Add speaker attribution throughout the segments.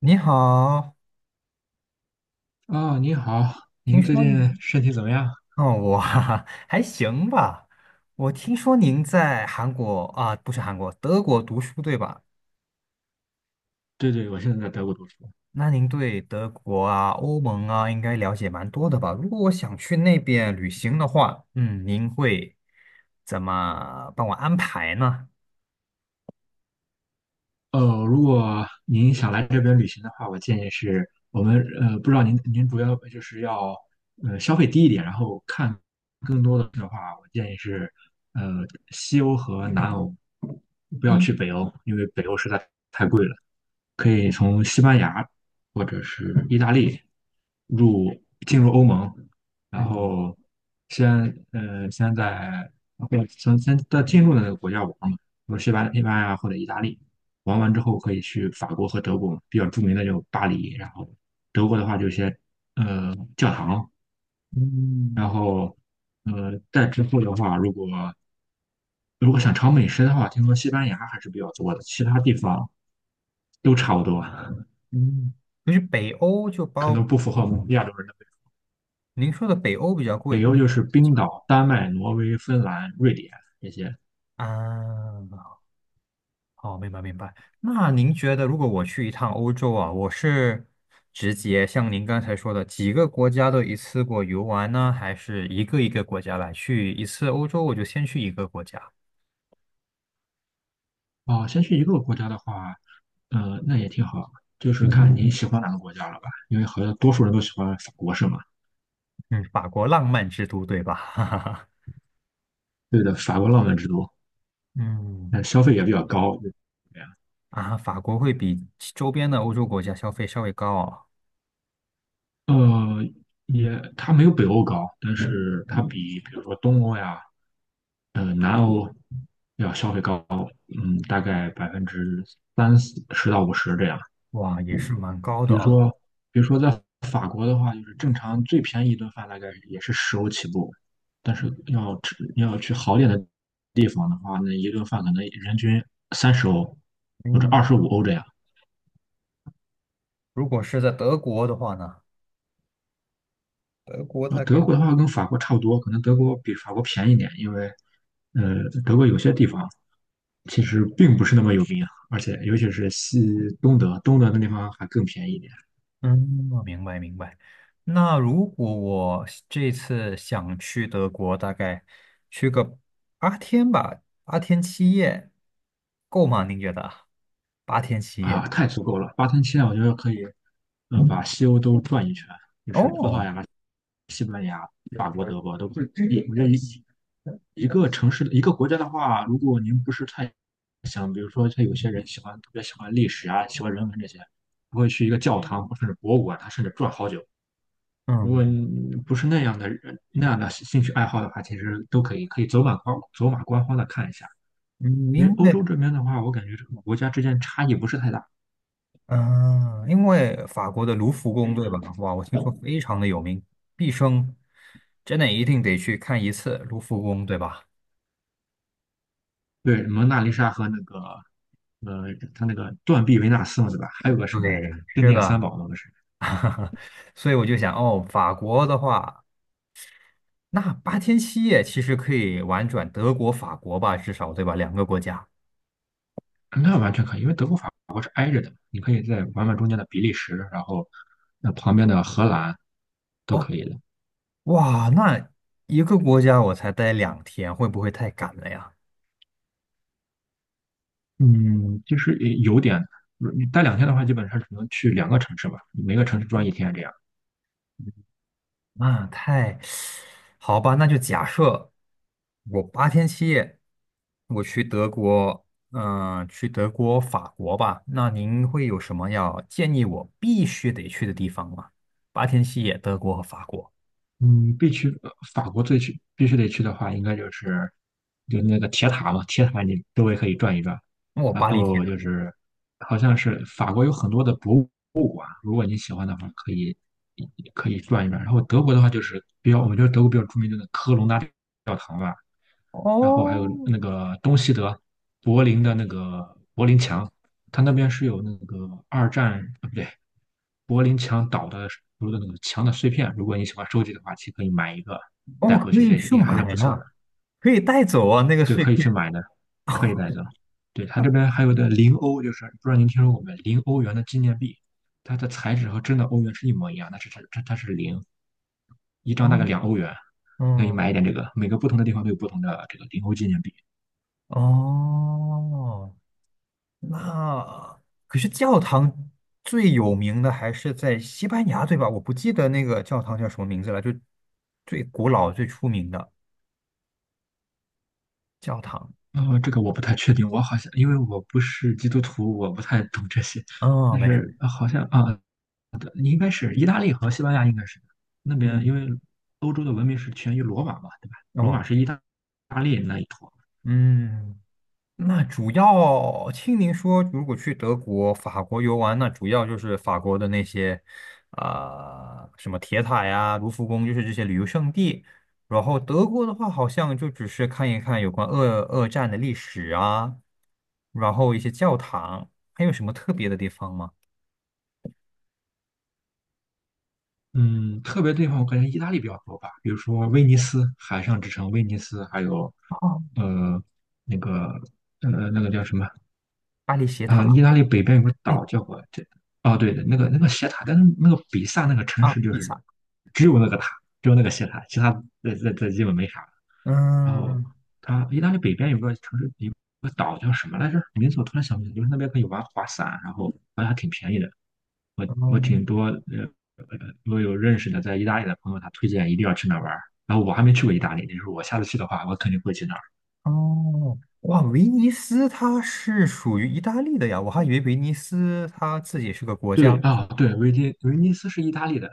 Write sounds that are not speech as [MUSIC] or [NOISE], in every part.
Speaker 1: 你好，
Speaker 2: 啊，您好，
Speaker 1: 听
Speaker 2: 您最
Speaker 1: 说你
Speaker 2: 近身体怎么样？
Speaker 1: 哦，我哈哈 [LAUGHS] 还行吧。我听说您在韩国啊，不是韩国，德国读书对吧？
Speaker 2: 对对，我现在在德国读书。
Speaker 1: 那您对德国啊、欧盟啊，应该了解蛮多的吧？如果我想去那边旅行的话，您会怎么帮我安排呢？
Speaker 2: 如果您想来这边旅行的话，我建议是我们,不知道您主要就是要消费低一点，然后看更多的话，我建议是呃西欧和南欧，不要
Speaker 1: 一，
Speaker 2: 去北欧，因为北欧实在太贵了。可以从西班牙或者是意大利入进入欧盟，然
Speaker 1: 嗯
Speaker 2: 后先呃先在或者先先在进入的那个国家玩嘛，比如西班牙或者意大利，玩完之后可以去法国和德国，比较著名的就巴黎，然后德国的话就一些教堂，然
Speaker 1: 嗯
Speaker 2: 后再之后的话，如果想尝美食的话，听说西班牙还是比较多的，其他地方都差不多，
Speaker 1: 嗯，就是北欧就
Speaker 2: 可
Speaker 1: 包，
Speaker 2: 能不符合我们亚洲人的。
Speaker 1: 您说的北欧比较贵
Speaker 2: 北欧就是冰岛、丹麦、挪威、芬兰、瑞典这些。
Speaker 1: 啊。哦，明白明白。那您觉得，如果我去一趟欧洲啊，我是直接像您刚才说的几个国家都一次过游玩呢，还是一个一个国家来去一次欧洲，我就先去一个国家？
Speaker 2: 哦，先去一个国家的话，那也挺好，就是看你喜欢哪个国家了吧，因为好像多数人都喜欢法国是吗？
Speaker 1: 嗯，法国浪漫之都，对吧？[LAUGHS]
Speaker 2: 对的，法国浪漫之都，
Speaker 1: 嗯，
Speaker 2: 但消费也比较高，这样。
Speaker 1: 啊，法国会比其周边的欧洲国家消费稍微高啊，
Speaker 2: 呃，也它没有北欧高，但是它比比如说东欧呀，南欧要消费高，嗯，大概百分之三四十到五十这样。
Speaker 1: 哇，也是蛮高
Speaker 2: 比
Speaker 1: 的
Speaker 2: 如
Speaker 1: 啊。
Speaker 2: 说，比如说在法国的话，就是正常最便宜一顿饭大概也是十欧起步，但是要去好点的地方的话，那一顿饭可能人均30欧或者二
Speaker 1: 嗯，
Speaker 2: 十五欧这样。
Speaker 1: 如果是在德国的话呢，德国
Speaker 2: 那
Speaker 1: 大概。
Speaker 2: 德国的话跟法国差不多，可能德国比法国便宜点，因为德国有些地方其实并不是那么有名啊，而且尤其是东德，东德那地方还更便宜一点。
Speaker 1: 嗯，我明白明白。那如果我这次想去德国，大概去个八天吧，八天七夜，够吗？您觉得？八天七夜？
Speaker 2: 啊，太足够了，8天7夜我觉得可以，嗯，把西欧都转一圈，就是葡萄
Speaker 1: 哦，
Speaker 2: 牙、西班牙、法国、德国都可以。我觉得一个城市、一个国家的话，如果您不是太想，比如说像有些人喜欢特别喜欢历史啊，喜欢人文这些，不会去一个教堂或甚至博物馆，他甚至转好久。如
Speaker 1: 嗯
Speaker 2: 果你不是那样的人，那样的兴趣爱好的话，其实都可以，可以走马观花的看一下。
Speaker 1: 嗯，
Speaker 2: 因为
Speaker 1: 因
Speaker 2: 欧
Speaker 1: 为
Speaker 2: 洲这边的话，我感觉这个国家之间差异不是太大，
Speaker 1: 嗯、呃因为法国的卢浮宫对吧？哇，我听说非常的有名，毕生真的一定得去看一次卢浮宫，对吧？
Speaker 2: 对，蒙娜丽莎和那个他那个断臂维纳斯嘛，对吧？还有个什么来着？
Speaker 1: 对，
Speaker 2: 镇
Speaker 1: 是
Speaker 2: 店三
Speaker 1: 的。
Speaker 2: 宝嘛，不是？
Speaker 1: [LAUGHS] 所以我就想，哦，法国的话。那八天七夜其实可以玩转德国、法国吧，至少对吧？两个国家。
Speaker 2: 那完全可以，因为德国、法国是挨着的，你可以在玩玩中间的比利时，然后那旁边的荷兰都
Speaker 1: 哦，
Speaker 2: 可以的。
Speaker 1: 哇，那一个国家我才待两天，会不会太赶了呀？
Speaker 2: 嗯，就是有点，你待2天的话，基本上只能去2个城市吧，每个城市转一天这样。
Speaker 1: 那太，[SUCKS TEETH] 好吧，那就假设我八天七夜，我去德国，去德国、法国吧。那您会有什么要建议我必须得去的地方吗？八天七夜，德国和法国，
Speaker 2: 嗯，必须法国必须得去的话，应该就是就是那个铁塔嘛，铁塔你周围可以转一转，
Speaker 1: 那我
Speaker 2: 然
Speaker 1: 巴黎铁
Speaker 2: 后
Speaker 1: 塔。
Speaker 2: 就是好像是法国有很多的博物馆，如果你喜欢的话，可以转一转。然后德国的话就是比较，我们觉得德国比较著名的那个科隆大教堂吧，然后还
Speaker 1: 哦，
Speaker 2: 有那个东西德柏林的那个柏林墙，它那边是有那个二战啊，不对，柏林墙倒的时候的那个墙的碎片。如果你喜欢收集的话，其实可以买一个
Speaker 1: 哦，
Speaker 2: 带回
Speaker 1: 可
Speaker 2: 去，
Speaker 1: 以
Speaker 2: 也
Speaker 1: 去
Speaker 2: 也还是
Speaker 1: 买
Speaker 2: 不错的。
Speaker 1: 呀、可以带走啊，那个
Speaker 2: 对，
Speaker 1: 碎
Speaker 2: 可以
Speaker 1: 片
Speaker 2: 去买的，可以带走。对，它这边还有的零欧，就是不知道您听说过没？零欧元的纪念币，它的材质和真的欧元是一模一样，但是它是零，一张大概两
Speaker 1: 啊，
Speaker 2: 欧元。可以
Speaker 1: 嗯，
Speaker 2: 买一点这个，每个不同的地方都有不同的这个零欧纪念币。
Speaker 1: 哦，那可是教堂最有名的还是在西班牙，对吧？我不记得那个教堂叫什么名字了，就最古老、最出名的教堂。
Speaker 2: 哦，这个我不太确定，我好像因为我不是基督徒，我不太懂这些。
Speaker 1: 哦，
Speaker 2: 但
Speaker 1: 没事，没
Speaker 2: 是
Speaker 1: 事
Speaker 2: 好像啊，对应该是意大利和西班牙应该是那边，
Speaker 1: 嗯，
Speaker 2: 因为欧洲的文明是起源于罗马嘛，对吧？罗
Speaker 1: 哦，
Speaker 2: 马是大利那一坨。
Speaker 1: 嗯。那主要听您说，如果去德国、法国游玩，那主要就是法国的那些，啊、什么铁塔呀、卢浮宫，就是这些旅游胜地。然后德国的话，好像就只是看一看有关二战的历史啊，然后一些教堂，还有什么特别的地方吗？
Speaker 2: 嗯，特别地方我感觉意大利比较多吧，比如说威尼斯海上之城威尼斯，还有
Speaker 1: 哦，
Speaker 2: 呃那个那个叫什么
Speaker 1: 巴黎铁
Speaker 2: ,
Speaker 1: 塔，
Speaker 2: 意大利北边有个岛
Speaker 1: 哎，
Speaker 2: 叫我这，哦，对的，那个那个斜塔，但是那个比萨那个城
Speaker 1: 啊，
Speaker 2: 市就
Speaker 1: 比
Speaker 2: 是
Speaker 1: 萨，
Speaker 2: 只有那个塔，只有那个斜塔，其他这基本没啥了。然后
Speaker 1: 嗯，
Speaker 2: 它意大利北边有个城市，有个岛叫什么来着？名字我突然想不起来，就是那边可以玩滑伞，然后好像还挺便宜的。我挺
Speaker 1: 嗯。
Speaker 2: 多呃，我有认识的在意大利的朋友，他推荐一定要去那玩儿。然后我还没去过意大利，就是我下次去的话，我肯定会去。那。
Speaker 1: 哦，哇，威尼斯它是属于意大利的呀，我还以为威尼斯它自己是个国
Speaker 2: 对
Speaker 1: 家
Speaker 2: 啊，对，威尼斯是意大利的，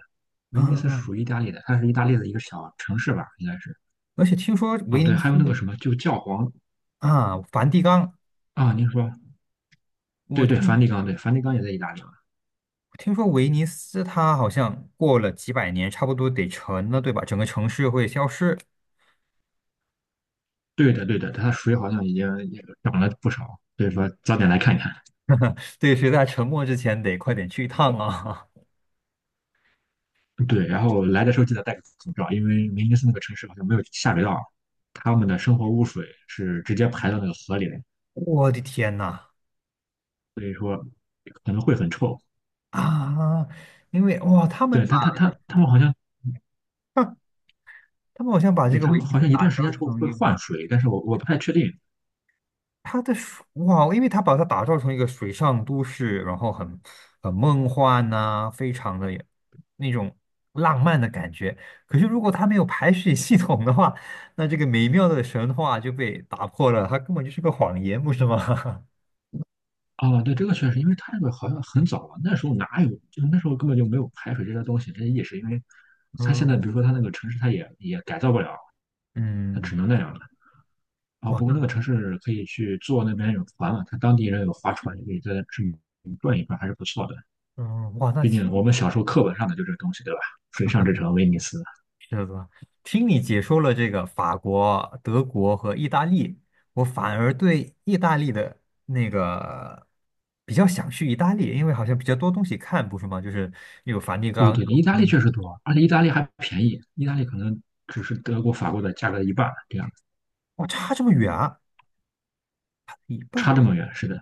Speaker 2: 威尼斯是
Speaker 1: 啊。
Speaker 2: 属于意大利的，它是意大利的一个小城市吧，应该是。
Speaker 1: 而且听说
Speaker 2: 哦，
Speaker 1: 威
Speaker 2: 对，
Speaker 1: 尼
Speaker 2: 还有那个
Speaker 1: 斯
Speaker 2: 什么，就教皇
Speaker 1: 啊，梵蒂冈，
Speaker 2: 啊，您说，
Speaker 1: 我
Speaker 2: 对对，梵蒂
Speaker 1: 听
Speaker 2: 冈，对，梵蒂冈也在意大利嘛。
Speaker 1: 听说威尼斯它好像过了几百年，差不多得沉了，对吧？整个城市会消失，
Speaker 2: 对的，对的，它水好像已经也涨了不少，所以说早点来看一看。
Speaker 1: [LAUGHS] 对，谁在沉没之前得快点去一趟啊！
Speaker 2: 对，然后来的时候记得戴个口罩，因为威尼斯那个城市好像没有下水道，他们的生活污水是直接排到那个河里的，
Speaker 1: [LAUGHS] 我的天呐
Speaker 2: 所以说可能会很臭。
Speaker 1: 啊！因为哇，他
Speaker 2: 对，
Speaker 1: 们把
Speaker 2: 他们好像。
Speaker 1: 他们好像把这
Speaker 2: 对，
Speaker 1: 个
Speaker 2: 他
Speaker 1: 威
Speaker 2: 们
Speaker 1: 尼
Speaker 2: 好
Speaker 1: 斯
Speaker 2: 像一
Speaker 1: 打
Speaker 2: 段时
Speaker 1: 造
Speaker 2: 间之后
Speaker 1: 成
Speaker 2: 会
Speaker 1: 一
Speaker 2: 换
Speaker 1: 个。
Speaker 2: 水，但是我不太确定。
Speaker 1: 它的水哇，因为它把它打造成一个水上都市，然后很很梦幻呐、非常的那种浪漫的感觉。可是如果它没有排水系统的话，那这个美妙的神话就被打破了，它根本就是个谎言，不是吗？[LAUGHS]
Speaker 2: 啊，对，这个确实，因为他那个好像很早了，那时候哪有，就那时候根本就没有排水这些东西，这些意识，因为他现在
Speaker 1: 嗯
Speaker 2: 比如说他那个城市，他也改造不了，他
Speaker 1: 嗯，
Speaker 2: 只能那样了。啊，
Speaker 1: 哇，
Speaker 2: 不过那
Speaker 1: 那
Speaker 2: 个城市可以去坐那边有船嘛，他当地人有划船，可以在这里转一转，还是不错的。
Speaker 1: 嗯哇，那
Speaker 2: 毕竟我
Speaker 1: 听
Speaker 2: 们小时候课本上的就这个东西，对吧？水上之城威尼斯，
Speaker 1: 是吧？听你解说了这个法国、德国和意大利，我反而对意大利的那个比较想去意大利，因为好像比较多东西看，不是吗？就是有梵蒂
Speaker 2: 对
Speaker 1: 冈，
Speaker 2: 对对，
Speaker 1: 有
Speaker 2: 意
Speaker 1: 威
Speaker 2: 大利
Speaker 1: 尼
Speaker 2: 确实
Speaker 1: 斯
Speaker 2: 多，而且意大利还便宜，意大利可能只是德国、法国的价格的一半，这样
Speaker 1: 哇，差这么远啊，差一
Speaker 2: 差
Speaker 1: 半，
Speaker 2: 这么远，是的。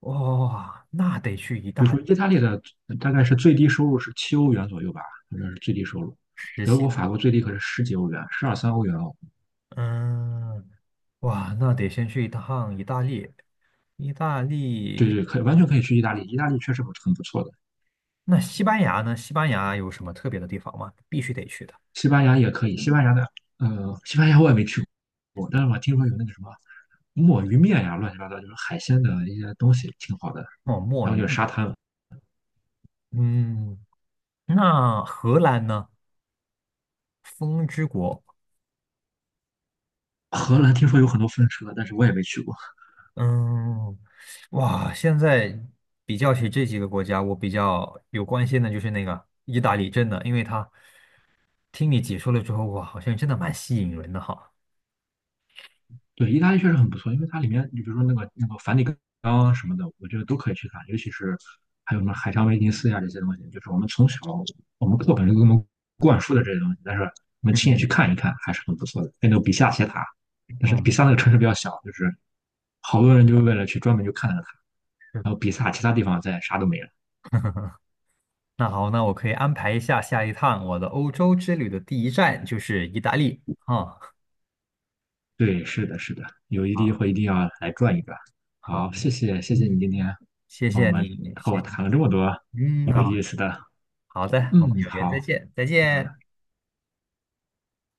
Speaker 1: 哇，那得去意
Speaker 2: 比如
Speaker 1: 大利
Speaker 2: 说意大利的大概是最低收入是7欧元左右吧，反正是最低收入。
Speaker 1: 实
Speaker 2: 德
Speaker 1: 心，
Speaker 2: 国、法国最低可是十几欧元，十二三欧元哦。
Speaker 1: 嗯，哇，那得先去一趟意大利。意大
Speaker 2: 对
Speaker 1: 利，
Speaker 2: 对，可以完全可以去意大利，意大利确实很不错的。
Speaker 1: 那西班牙呢？西班牙有什么特别的地方吗？必须得去的。
Speaker 2: 西班牙也可以，西班牙的西班牙我也没去过，但是我听说有那个什么墨鱼面呀，乱七八糟就是海鲜的一些东西，挺好的。
Speaker 1: 哦，墨
Speaker 2: 然后就是
Speaker 1: 鱼，
Speaker 2: 沙滩，
Speaker 1: 嗯，那荷兰呢？风之国，
Speaker 2: 荷兰听说有很多风车，但是我也没去过。
Speaker 1: 嗯，哇，现在比较起这几个国家，我比较有关心的就是那个意大利，真的，因为它听你解说了之后，哇，好像真的蛮吸引人的哈。
Speaker 2: 对，意大利确实很不错，因为它里面，你比如说那个梵蒂冈什么的，我觉得都可以去看，尤其是还有什么海上威尼斯呀这些东西，就是我们课本就给我们灌输的这些东西，但是我们亲眼
Speaker 1: 嗯
Speaker 2: 去看一看还是很不错的。哎那个比萨斜塔，但是比
Speaker 1: 嗯，
Speaker 2: 萨那个城市比较小，就是好多人就是为了去专门就看那个塔，
Speaker 1: 是。
Speaker 2: 然后比萨其他地方再啥都没了。
Speaker 1: 那好，那我可以安排一下下一趟我的欧洲之旅的第一站就是意大利啊。
Speaker 2: 对，是的，是的，有一地
Speaker 1: 好，
Speaker 2: 会一定要来转一转。
Speaker 1: 好，
Speaker 2: 好，谢谢你今天
Speaker 1: 谢
Speaker 2: 和我
Speaker 1: 谢
Speaker 2: 们
Speaker 1: 你，
Speaker 2: 和
Speaker 1: 谢
Speaker 2: 我
Speaker 1: 谢
Speaker 2: 谈了这么多
Speaker 1: 你，嗯，
Speaker 2: 有
Speaker 1: 好
Speaker 2: 意思的。
Speaker 1: 好的，我们
Speaker 2: 嗯，
Speaker 1: 有缘再
Speaker 2: 好，
Speaker 1: 见，再
Speaker 2: 那
Speaker 1: 见。